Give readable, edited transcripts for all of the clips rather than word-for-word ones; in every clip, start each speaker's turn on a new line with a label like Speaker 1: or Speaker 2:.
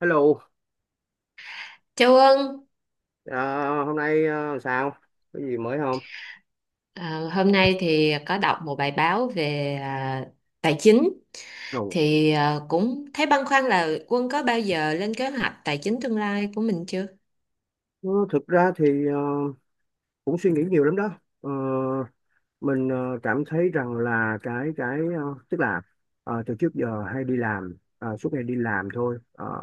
Speaker 1: Hello.
Speaker 2: Châu Ân,
Speaker 1: Hôm nay sao? Có gì mới không?
Speaker 2: hôm nay thì có đọc một bài báo về tài chính
Speaker 1: Ồ.
Speaker 2: thì cũng thấy băn khoăn là Quân có bao giờ lên kế hoạch tài chính tương lai của mình chưa?
Speaker 1: ờ, Thực ra thì cũng suy nghĩ nhiều lắm đó. Ờ, mình cảm thấy rằng là cái tức là từ trước giờ hay đi làm, suốt ngày đi làm thôi. Ờ,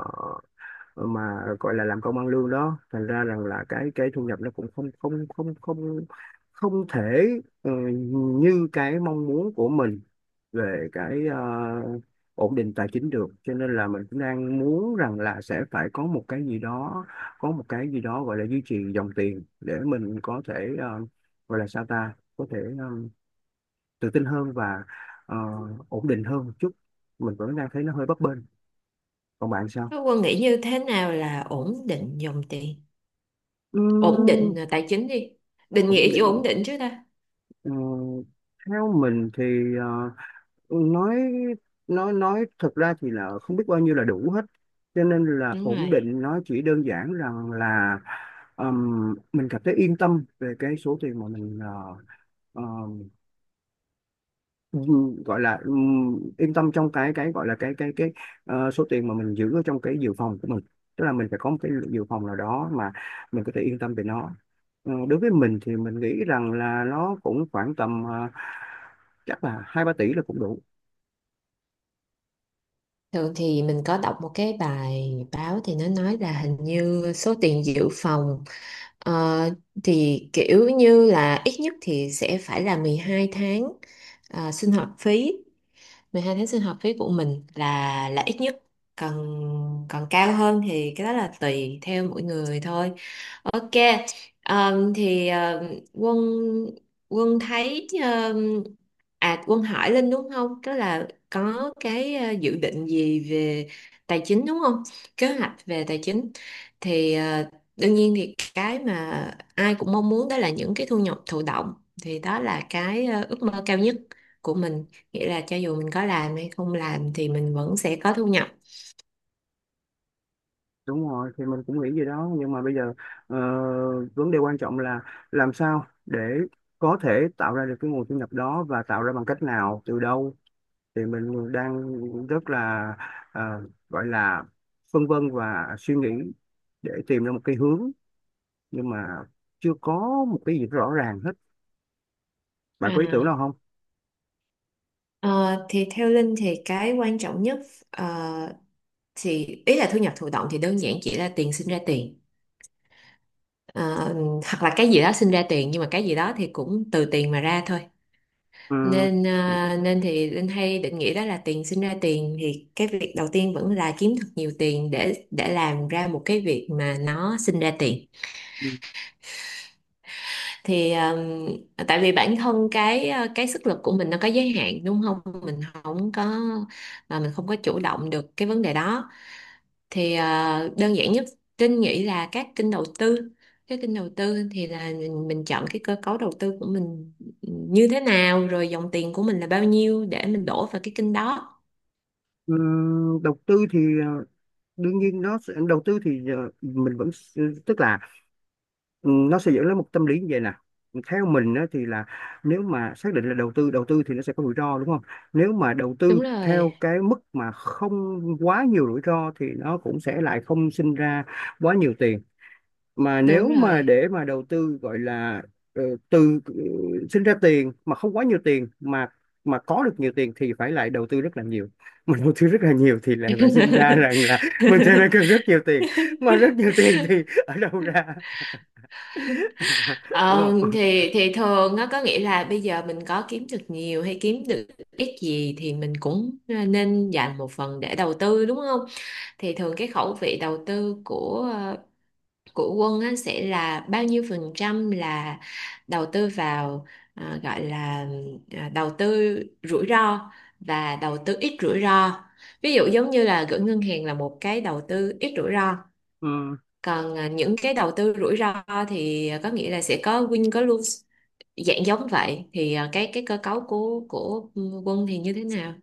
Speaker 1: mà gọi là làm công ăn lương đó, thành ra rằng là cái thu nhập nó cũng không không không không không thể ờ, như cái mong muốn của mình về cái ổn định tài chính được, cho nên là mình cũng đang muốn rằng là sẽ phải có một cái gì đó, có một cái gì đó gọi là duy trì dòng tiền để mình có thể ờ, gọi là sao ta, có thể tự tin hơn và ờ, ổn định hơn một chút. Mình vẫn đang thấy nó hơi bấp bênh. Còn bạn sao?
Speaker 2: Thế Quân nghĩ như thế nào là ổn định dòng tiền, ổn
Speaker 1: Ừm.
Speaker 2: định tài chính đi. Định nghĩa
Speaker 1: Ổn
Speaker 2: chữ ổn
Speaker 1: định.
Speaker 2: định chứ ta.
Speaker 1: Ờ, Theo mình thì nói nói thực ra thì là không biết bao nhiêu là đủ hết, cho nên là
Speaker 2: Đúng
Speaker 1: ổn
Speaker 2: rồi.
Speaker 1: định nó chỉ đơn giản rằng là mình cảm thấy yên tâm về cái số tiền mà mình ờ, gọi là yên tâm trong cái gọi là cái số tiền mà mình giữ ở trong cái dự phòng của mình. Tức là mình phải có một cái dự phòng nào đó mà mình có thể yên tâm về nó. Đối với mình thì mình nghĩ rằng là nó cũng khoảng tầm chắc là 2-3 tỷ là cũng đủ.
Speaker 2: Thường thì mình có đọc một cái bài báo thì nó nói là hình như số tiền dự phòng Ờ, thì kiểu như là ít nhất thì sẽ phải là 12 tháng sinh hoạt phí. 12 tháng sinh hoạt phí của mình là ít nhất, còn còn cao hơn thì cái đó là tùy theo mỗi người thôi. Ok. Thì quân quân thấy Quân hỏi Linh đúng không, đó là có cái dự định gì về tài chính đúng không, kế hoạch về tài chính. Thì đương nhiên thì cái mà ai cũng mong muốn đó là những cái thu nhập thụ động, thì đó là cái ước mơ cao nhất của mình, nghĩa là cho dù mình có làm hay không làm thì mình vẫn sẽ có thu nhập.
Speaker 1: Đúng rồi, thì mình cũng nghĩ gì đó, nhưng mà bây giờ ờ, vấn đề quan trọng là làm sao để có thể tạo ra được cái nguồn thu nhập đó, và tạo ra bằng cách nào, từ đâu. Thì mình đang rất là ờ, gọi là phân vân và suy nghĩ để tìm ra một cái hướng, nhưng mà chưa có một cái gì rõ ràng hết. Bạn có ý tưởng
Speaker 2: À.
Speaker 1: nào không?
Speaker 2: Ờ, thì theo Linh thì cái quan trọng nhất, ờ, thì ý là thu nhập thụ động thì đơn giản chỉ là tiền sinh ra tiền. Ờ, hoặc là cái gì đó sinh ra tiền nhưng mà cái gì đó thì cũng từ tiền mà ra thôi, nên ờ, nên thì Linh hay định nghĩa đó là tiền sinh ra tiền, thì cái việc đầu tiên vẫn là kiếm thật nhiều tiền để làm ra một cái việc mà nó sinh ra tiền.
Speaker 1: Ừ.
Speaker 2: Thì tại vì bản thân cái sức lực của mình nó có giới hạn đúng không, mình không có chủ động được cái vấn đề đó. Thì đơn giản nhất Trinh nghĩ là các kênh đầu tư, cái kênh đầu tư thì là mình chọn cái cơ cấu đầu tư của mình như thế nào, rồi dòng tiền của mình là bao nhiêu để mình đổ vào cái kênh đó.
Speaker 1: Đầu tư thì đương nhiên nó sẽ- đầu tư thì mình vẫn s- tức là nó sẽ dẫn đến một tâm lý như vậy nè. Theo mình á, thì là nếu mà xác định là đầu tư thì nó sẽ có rủi ro đúng không? Nếu mà đầu tư
Speaker 2: Đúng rồi.
Speaker 1: theo cái mức mà không quá nhiều rủi ro thì nó cũng sẽ lại không sinh ra quá nhiều tiền. Mà nếu
Speaker 2: Đúng
Speaker 1: mà
Speaker 2: rồi.
Speaker 1: để mà đầu tư gọi là ờ, từ ờ, sinh ra tiền mà không quá nhiều tiền, mà có được nhiều tiền thì phải lại đầu tư rất là nhiều, mà đầu tư rất là nhiều thì lại phải sinh ra rằng là mình sẽ phải cần rất nhiều tiền, mà rất nhiều tiền thì ở đâu ra, đúng
Speaker 2: Ờ,
Speaker 1: không?
Speaker 2: thì thường nó có nghĩa là bây giờ mình có kiếm được nhiều hay kiếm được ít gì thì mình cũng nên dành một phần để đầu tư đúng không? Thì thường cái khẩu vị đầu tư của của Quân á, sẽ là bao nhiêu phần trăm là đầu tư vào gọi là đầu tư rủi ro và đầu tư ít rủi ro. Ví dụ giống như là gửi ngân hàng là một cái đầu tư ít rủi ro,
Speaker 1: Ừ.
Speaker 2: còn những cái đầu tư rủi ro thì có nghĩa là sẽ có win có lose, dạng giống vậy thì cái cơ cấu của Quân thì như thế nào?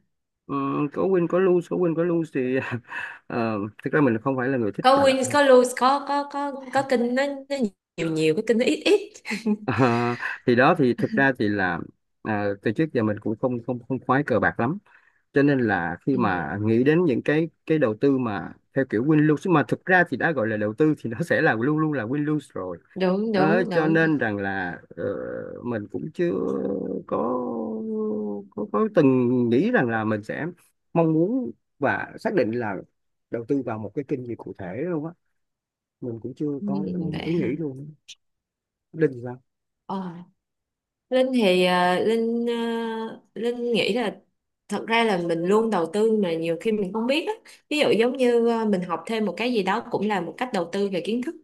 Speaker 1: Ừ. Có win có lose, có win có lose thì thực ra mình không phải là người thích
Speaker 2: Có
Speaker 1: bài bạc.
Speaker 2: win có lose, có kinh nó nó nhiều, có kinh nó ít ít.
Speaker 1: Ờ, thì đó, thì thực ra thì là từ trước giờ mình cũng không không không khoái cờ bạc lắm, cho nên là khi
Speaker 2: Ừ,
Speaker 1: mà nghĩ đến những cái đầu tư mà theo kiểu win lose, mà thực ra thì đã gọi là đầu tư thì nó sẽ là luôn luôn là win lose rồi.
Speaker 2: đúng đúng
Speaker 1: Cho
Speaker 2: đúng
Speaker 1: nên rằng là mình cũng chưa có, có từng nghĩ rằng là mình sẽ mong muốn và xác định là đầu tư vào một cái kênh gì cụ thể đâu á. Mình cũng chưa
Speaker 2: ừ,
Speaker 1: có
Speaker 2: vậy
Speaker 1: ý nghĩ
Speaker 2: hả.
Speaker 1: luôn. Linh thì?
Speaker 2: Ờ, Linh thì à, Linh nghĩ là thật ra là mình luôn đầu tư mà nhiều khi mình không biết á. Ví dụ giống như mình học thêm một cái gì đó cũng là một cách đầu tư về kiến thức.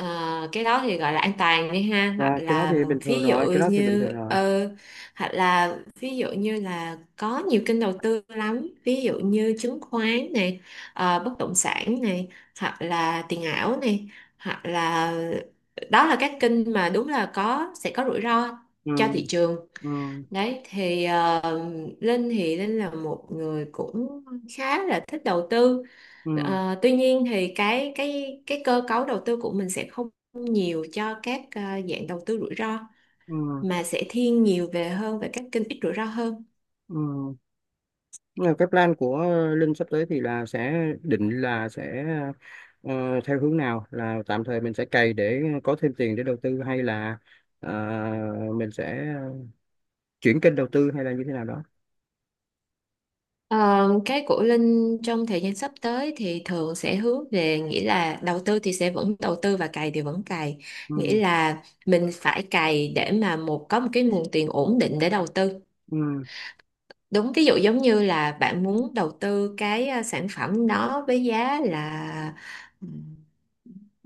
Speaker 2: Ờ, cái đó thì gọi là an toàn đi ha, hoặc
Speaker 1: Dạ, cái đó
Speaker 2: là
Speaker 1: thì bình thường
Speaker 2: ví dụ
Speaker 1: rồi, cái đó thì bình
Speaker 2: như
Speaker 1: thường rồi.
Speaker 2: ờ, hoặc là ví dụ như là có nhiều kênh đầu tư lắm, ví dụ như chứng khoán này, bất động sản này, hoặc là tiền ảo này, hoặc là đó là các kênh mà đúng là sẽ có rủi ro
Speaker 1: Ừ,
Speaker 2: cho thị trường.
Speaker 1: ừ,
Speaker 2: Đấy thì Linh là một người cũng khá là thích đầu tư.
Speaker 1: ừ,
Speaker 2: Ờ, tuy nhiên thì cái cơ cấu đầu tư của mình sẽ không nhiều cho các dạng đầu tư rủi ro,
Speaker 1: ừ,
Speaker 2: mà sẽ thiên nhiều về hơn về các kênh ít rủi ro hơn.
Speaker 1: ừ. Nhưng mà cái plan của Linh sắp tới thì là sẽ định là sẽ theo hướng nào, là tạm thời mình sẽ cày để có thêm tiền để đầu tư, hay là ờ, mình sẽ chuyển kênh đầu tư, hay là như thế nào đó.
Speaker 2: Ờ, cái của Linh trong thời gian sắp tới thì thường sẽ hướng về nghĩa là đầu tư thì sẽ vẫn đầu tư và cày thì vẫn cày. Nghĩa
Speaker 1: Ừ,
Speaker 2: là mình phải cày để mà có một cái nguồn tiền ổn định để đầu tư.
Speaker 1: ừ,
Speaker 2: Đúng, ví dụ giống như là bạn muốn đầu tư cái sản phẩm đó với giá là ừm,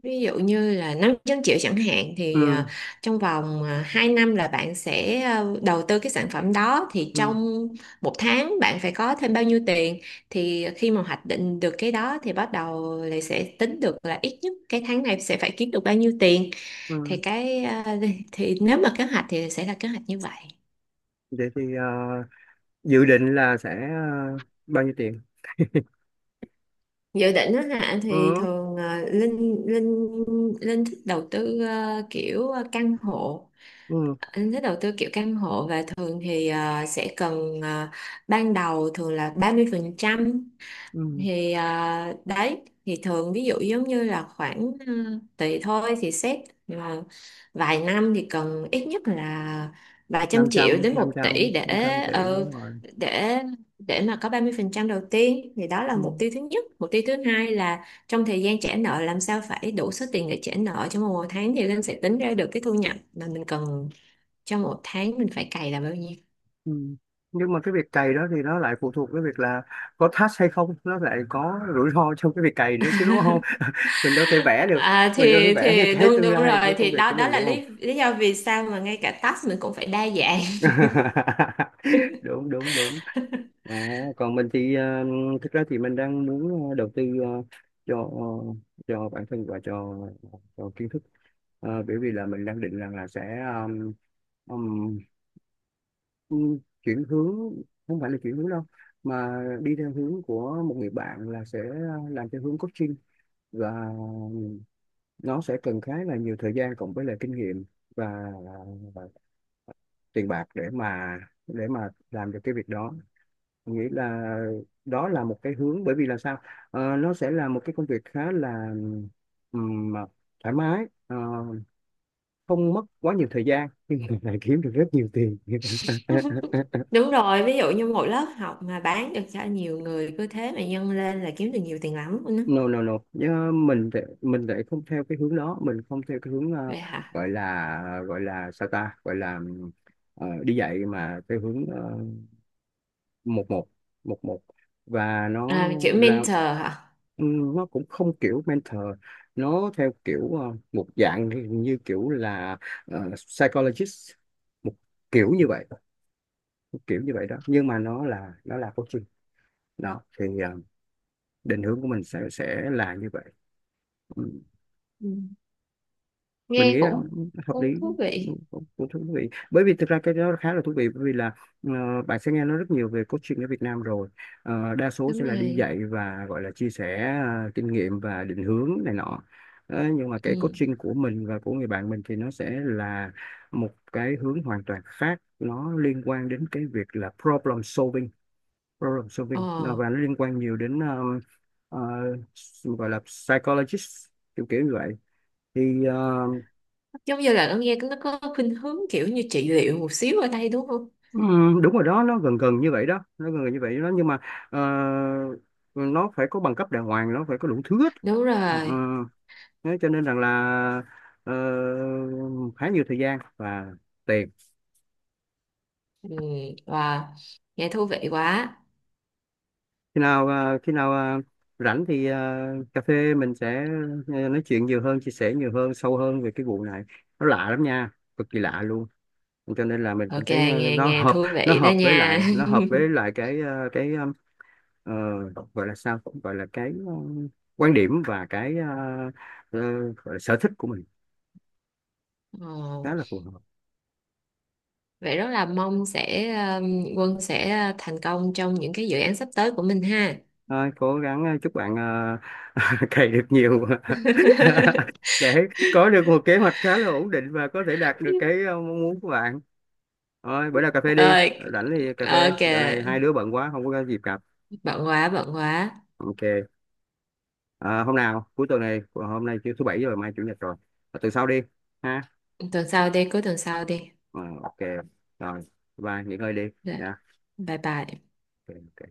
Speaker 2: ví dụ như là 500 triệu chẳng hạn,
Speaker 1: ừ,
Speaker 2: thì trong vòng 2 năm là bạn sẽ đầu tư cái sản phẩm đó, thì
Speaker 1: ừ,
Speaker 2: trong một tháng bạn phải có thêm bao nhiêu tiền. Thì khi mà hoạch định được cái đó thì bắt đầu lại sẽ tính được là ít nhất cái tháng này sẽ phải kiếm được bao nhiêu tiền. Thì
Speaker 1: ừ.
Speaker 2: cái thì nếu mà kế hoạch thì sẽ là kế hoạch như vậy.
Speaker 1: Vậy thì dự định là sẽ bao nhiêu tiền?
Speaker 2: Dự định đó hả, thì
Speaker 1: Ừ,
Speaker 2: thường ờ, linh linh linh thích đầu tư kiểu căn hộ.
Speaker 1: ừ,
Speaker 2: Linh thích đầu tư kiểu căn hộ, và thường thì sẽ cần ban đầu thường là 30%.
Speaker 1: ừ.
Speaker 2: Thì đấy, thì thường ví dụ giống như là khoảng tùy thôi thì xét mà vài năm thì cần ít nhất là vài trăm
Speaker 1: năm
Speaker 2: triệu
Speaker 1: trăm
Speaker 2: đến
Speaker 1: năm
Speaker 2: một tỷ
Speaker 1: trăm
Speaker 2: để
Speaker 1: 500 tỷ,
Speaker 2: ờ,
Speaker 1: đúng rồi.
Speaker 2: để để mà có 30% đầu tiên, thì đó là
Speaker 1: Ừ.
Speaker 2: mục tiêu thứ nhất. Mục tiêu thứ hai là trong thời gian trả nợ làm sao phải đủ số tiền để trả nợ trong một tháng, thì Linh sẽ tính ra được cái thu nhập mà mình cần trong một tháng mình phải cày là bao nhiêu.
Speaker 1: Ừ. Nhưng mà cái việc cày đó thì nó lại phụ thuộc cái việc là có task hay không, nó lại có rủi ro trong cái việc cày nữa chứ, đúng không? Mình đâu thể vẽ được,
Speaker 2: À,
Speaker 1: mình đâu thể vẽ được
Speaker 2: thì
Speaker 1: cái
Speaker 2: đúng
Speaker 1: tương
Speaker 2: đúng
Speaker 1: lai của
Speaker 2: rồi,
Speaker 1: công
Speaker 2: thì
Speaker 1: việc
Speaker 2: đó
Speaker 1: của
Speaker 2: đó
Speaker 1: mình
Speaker 2: là
Speaker 1: đúng không?
Speaker 2: lý lý do vì sao mà ngay cả task mình cũng phải đa dạng.
Speaker 1: Đúng đúng đúng. Ờ, Còn mình thì thực ra thì mình đang muốn đầu tư cho cho bản thân và cho kiến thức. Bởi vì là mình đang định rằng là sẽ ờ, chuyển hướng, không phải là chuyển hướng đâu, mà đi theo hướng của một người bạn, là sẽ làm theo hướng coaching. Và nó sẽ cần khá là nhiều thời gian, cộng với lại kinh nghiệm và, và tiền bạc để mà, để mà làm được cái việc đó. Mình nghĩ là đó là một cái hướng, bởi vì là sao? Nó sẽ là một cái công việc khá là ừm, thoải mái, không mất quá nhiều thời gian, lại kiếm được rất nhiều tiền.
Speaker 2: Đúng rồi, ví dụ như một lớp học mà bán được cho nhiều người, cứ thế mà nhân lên là kiếm được nhiều tiền lắm luôn á.
Speaker 1: No no no. Nhớ mình thì, mình lại không theo cái hướng đó. Mình không theo cái hướng
Speaker 2: Vậy hả.
Speaker 1: gọi là sao ta, gọi là đi dạy mà theo hướng một một một một và nó
Speaker 2: À, kiểu
Speaker 1: là
Speaker 2: mentor hả.
Speaker 1: nó cũng không kiểu mentor. Nó theo kiểu một dạng thì như kiểu là psychologist, một kiểu như vậy, một kiểu như vậy đó. Nhưng mà nó là, nó là coaching đó. Thì định hướng của mình sẽ là như vậy. Ừ.
Speaker 2: Ừ.
Speaker 1: Mình
Speaker 2: Nghe
Speaker 1: nghĩ rằng
Speaker 2: cũng
Speaker 1: hợp lý.
Speaker 2: cũng thú
Speaker 1: Ừ,
Speaker 2: vị.
Speaker 1: cũng cũng thú vị, bởi vì thực ra cái đó khá là thú vị, bởi vì là bạn sẽ nghe nói rất nhiều về coaching ở Việt Nam rồi. Đa số sẽ
Speaker 2: Đúng
Speaker 1: là đi
Speaker 2: rồi.
Speaker 1: dạy và gọi là chia sẻ kinh nghiệm và định hướng này nọ. Nhưng mà cái
Speaker 2: Ừ.
Speaker 1: coaching của mình và của người bạn mình thì nó sẽ là một cái hướng hoàn toàn khác. Nó liên quan đến cái việc là problem solving.
Speaker 2: Ờ,
Speaker 1: Và nó liên quan nhiều đến ờ, gọi là psychologist, kiểu kiểu như vậy. Thì
Speaker 2: giống như là nó nghe nó có khuynh hướng kiểu như trị liệu một xíu ở đây đúng không?
Speaker 1: Ừ, đúng rồi đó, nó gần gần như vậy đó, nó gần gần như vậy đó. Nhưng mà ờ, nó phải có bằng cấp đàng hoàng, nó phải có đủ thứ hết.
Speaker 2: Đúng
Speaker 1: Ờ, ờ,
Speaker 2: rồi.
Speaker 1: Thế cho nên rằng là ờ, khá nhiều thời gian và tiền.
Speaker 2: Ừ. Wow, nghe thú vị quá.
Speaker 1: Khi nào khi nào rảnh thì cà phê mình sẽ nói chuyện nhiều hơn, chia sẻ nhiều hơn, sâu hơn về cái vụ này. Nó lạ lắm nha, cực kỳ lạ luôn. Cho nên là mình cũng
Speaker 2: Ok,
Speaker 1: thấy
Speaker 2: nghe
Speaker 1: nó
Speaker 2: nghe
Speaker 1: hợp.
Speaker 2: thú
Speaker 1: Nó
Speaker 2: vị đó
Speaker 1: hợp với
Speaker 2: nha.
Speaker 1: lại nó hợp với lại cái cái ờ, gọi là sao, gọi là cái quan điểm và cái ờ, gọi là sở thích của mình,
Speaker 2: Ồ,
Speaker 1: khá là phù hợp.
Speaker 2: vậy rất là mong sẽ Quân sẽ thành công trong những cái dự án sắp tới của mình ha.
Speaker 1: Thôi, cố gắng chúc bạn cày được nhiều, để có được một kế hoạch khá là ổn định và có thể đạt được cái mong muốn của bạn. Thôi, bữa nào cà phê đi,
Speaker 2: Ơi,
Speaker 1: rảnh thì cà phê.
Speaker 2: ok,
Speaker 1: Dạo này hai đứa bận quá không có dịp gặp.
Speaker 2: bận quá.
Speaker 1: Ok. Ờ, Hôm nào cuối tuần này, hôm nay thứ bảy rồi, mai chủ nhật rồi, từ sau đi ha.
Speaker 2: Cuối tuần sau đi.
Speaker 1: Ờ, ok. Rồi, bye, nghỉ ngơi đi
Speaker 2: Rồi,
Speaker 1: nha.
Speaker 2: bye bye.
Speaker 1: Ok. Ok.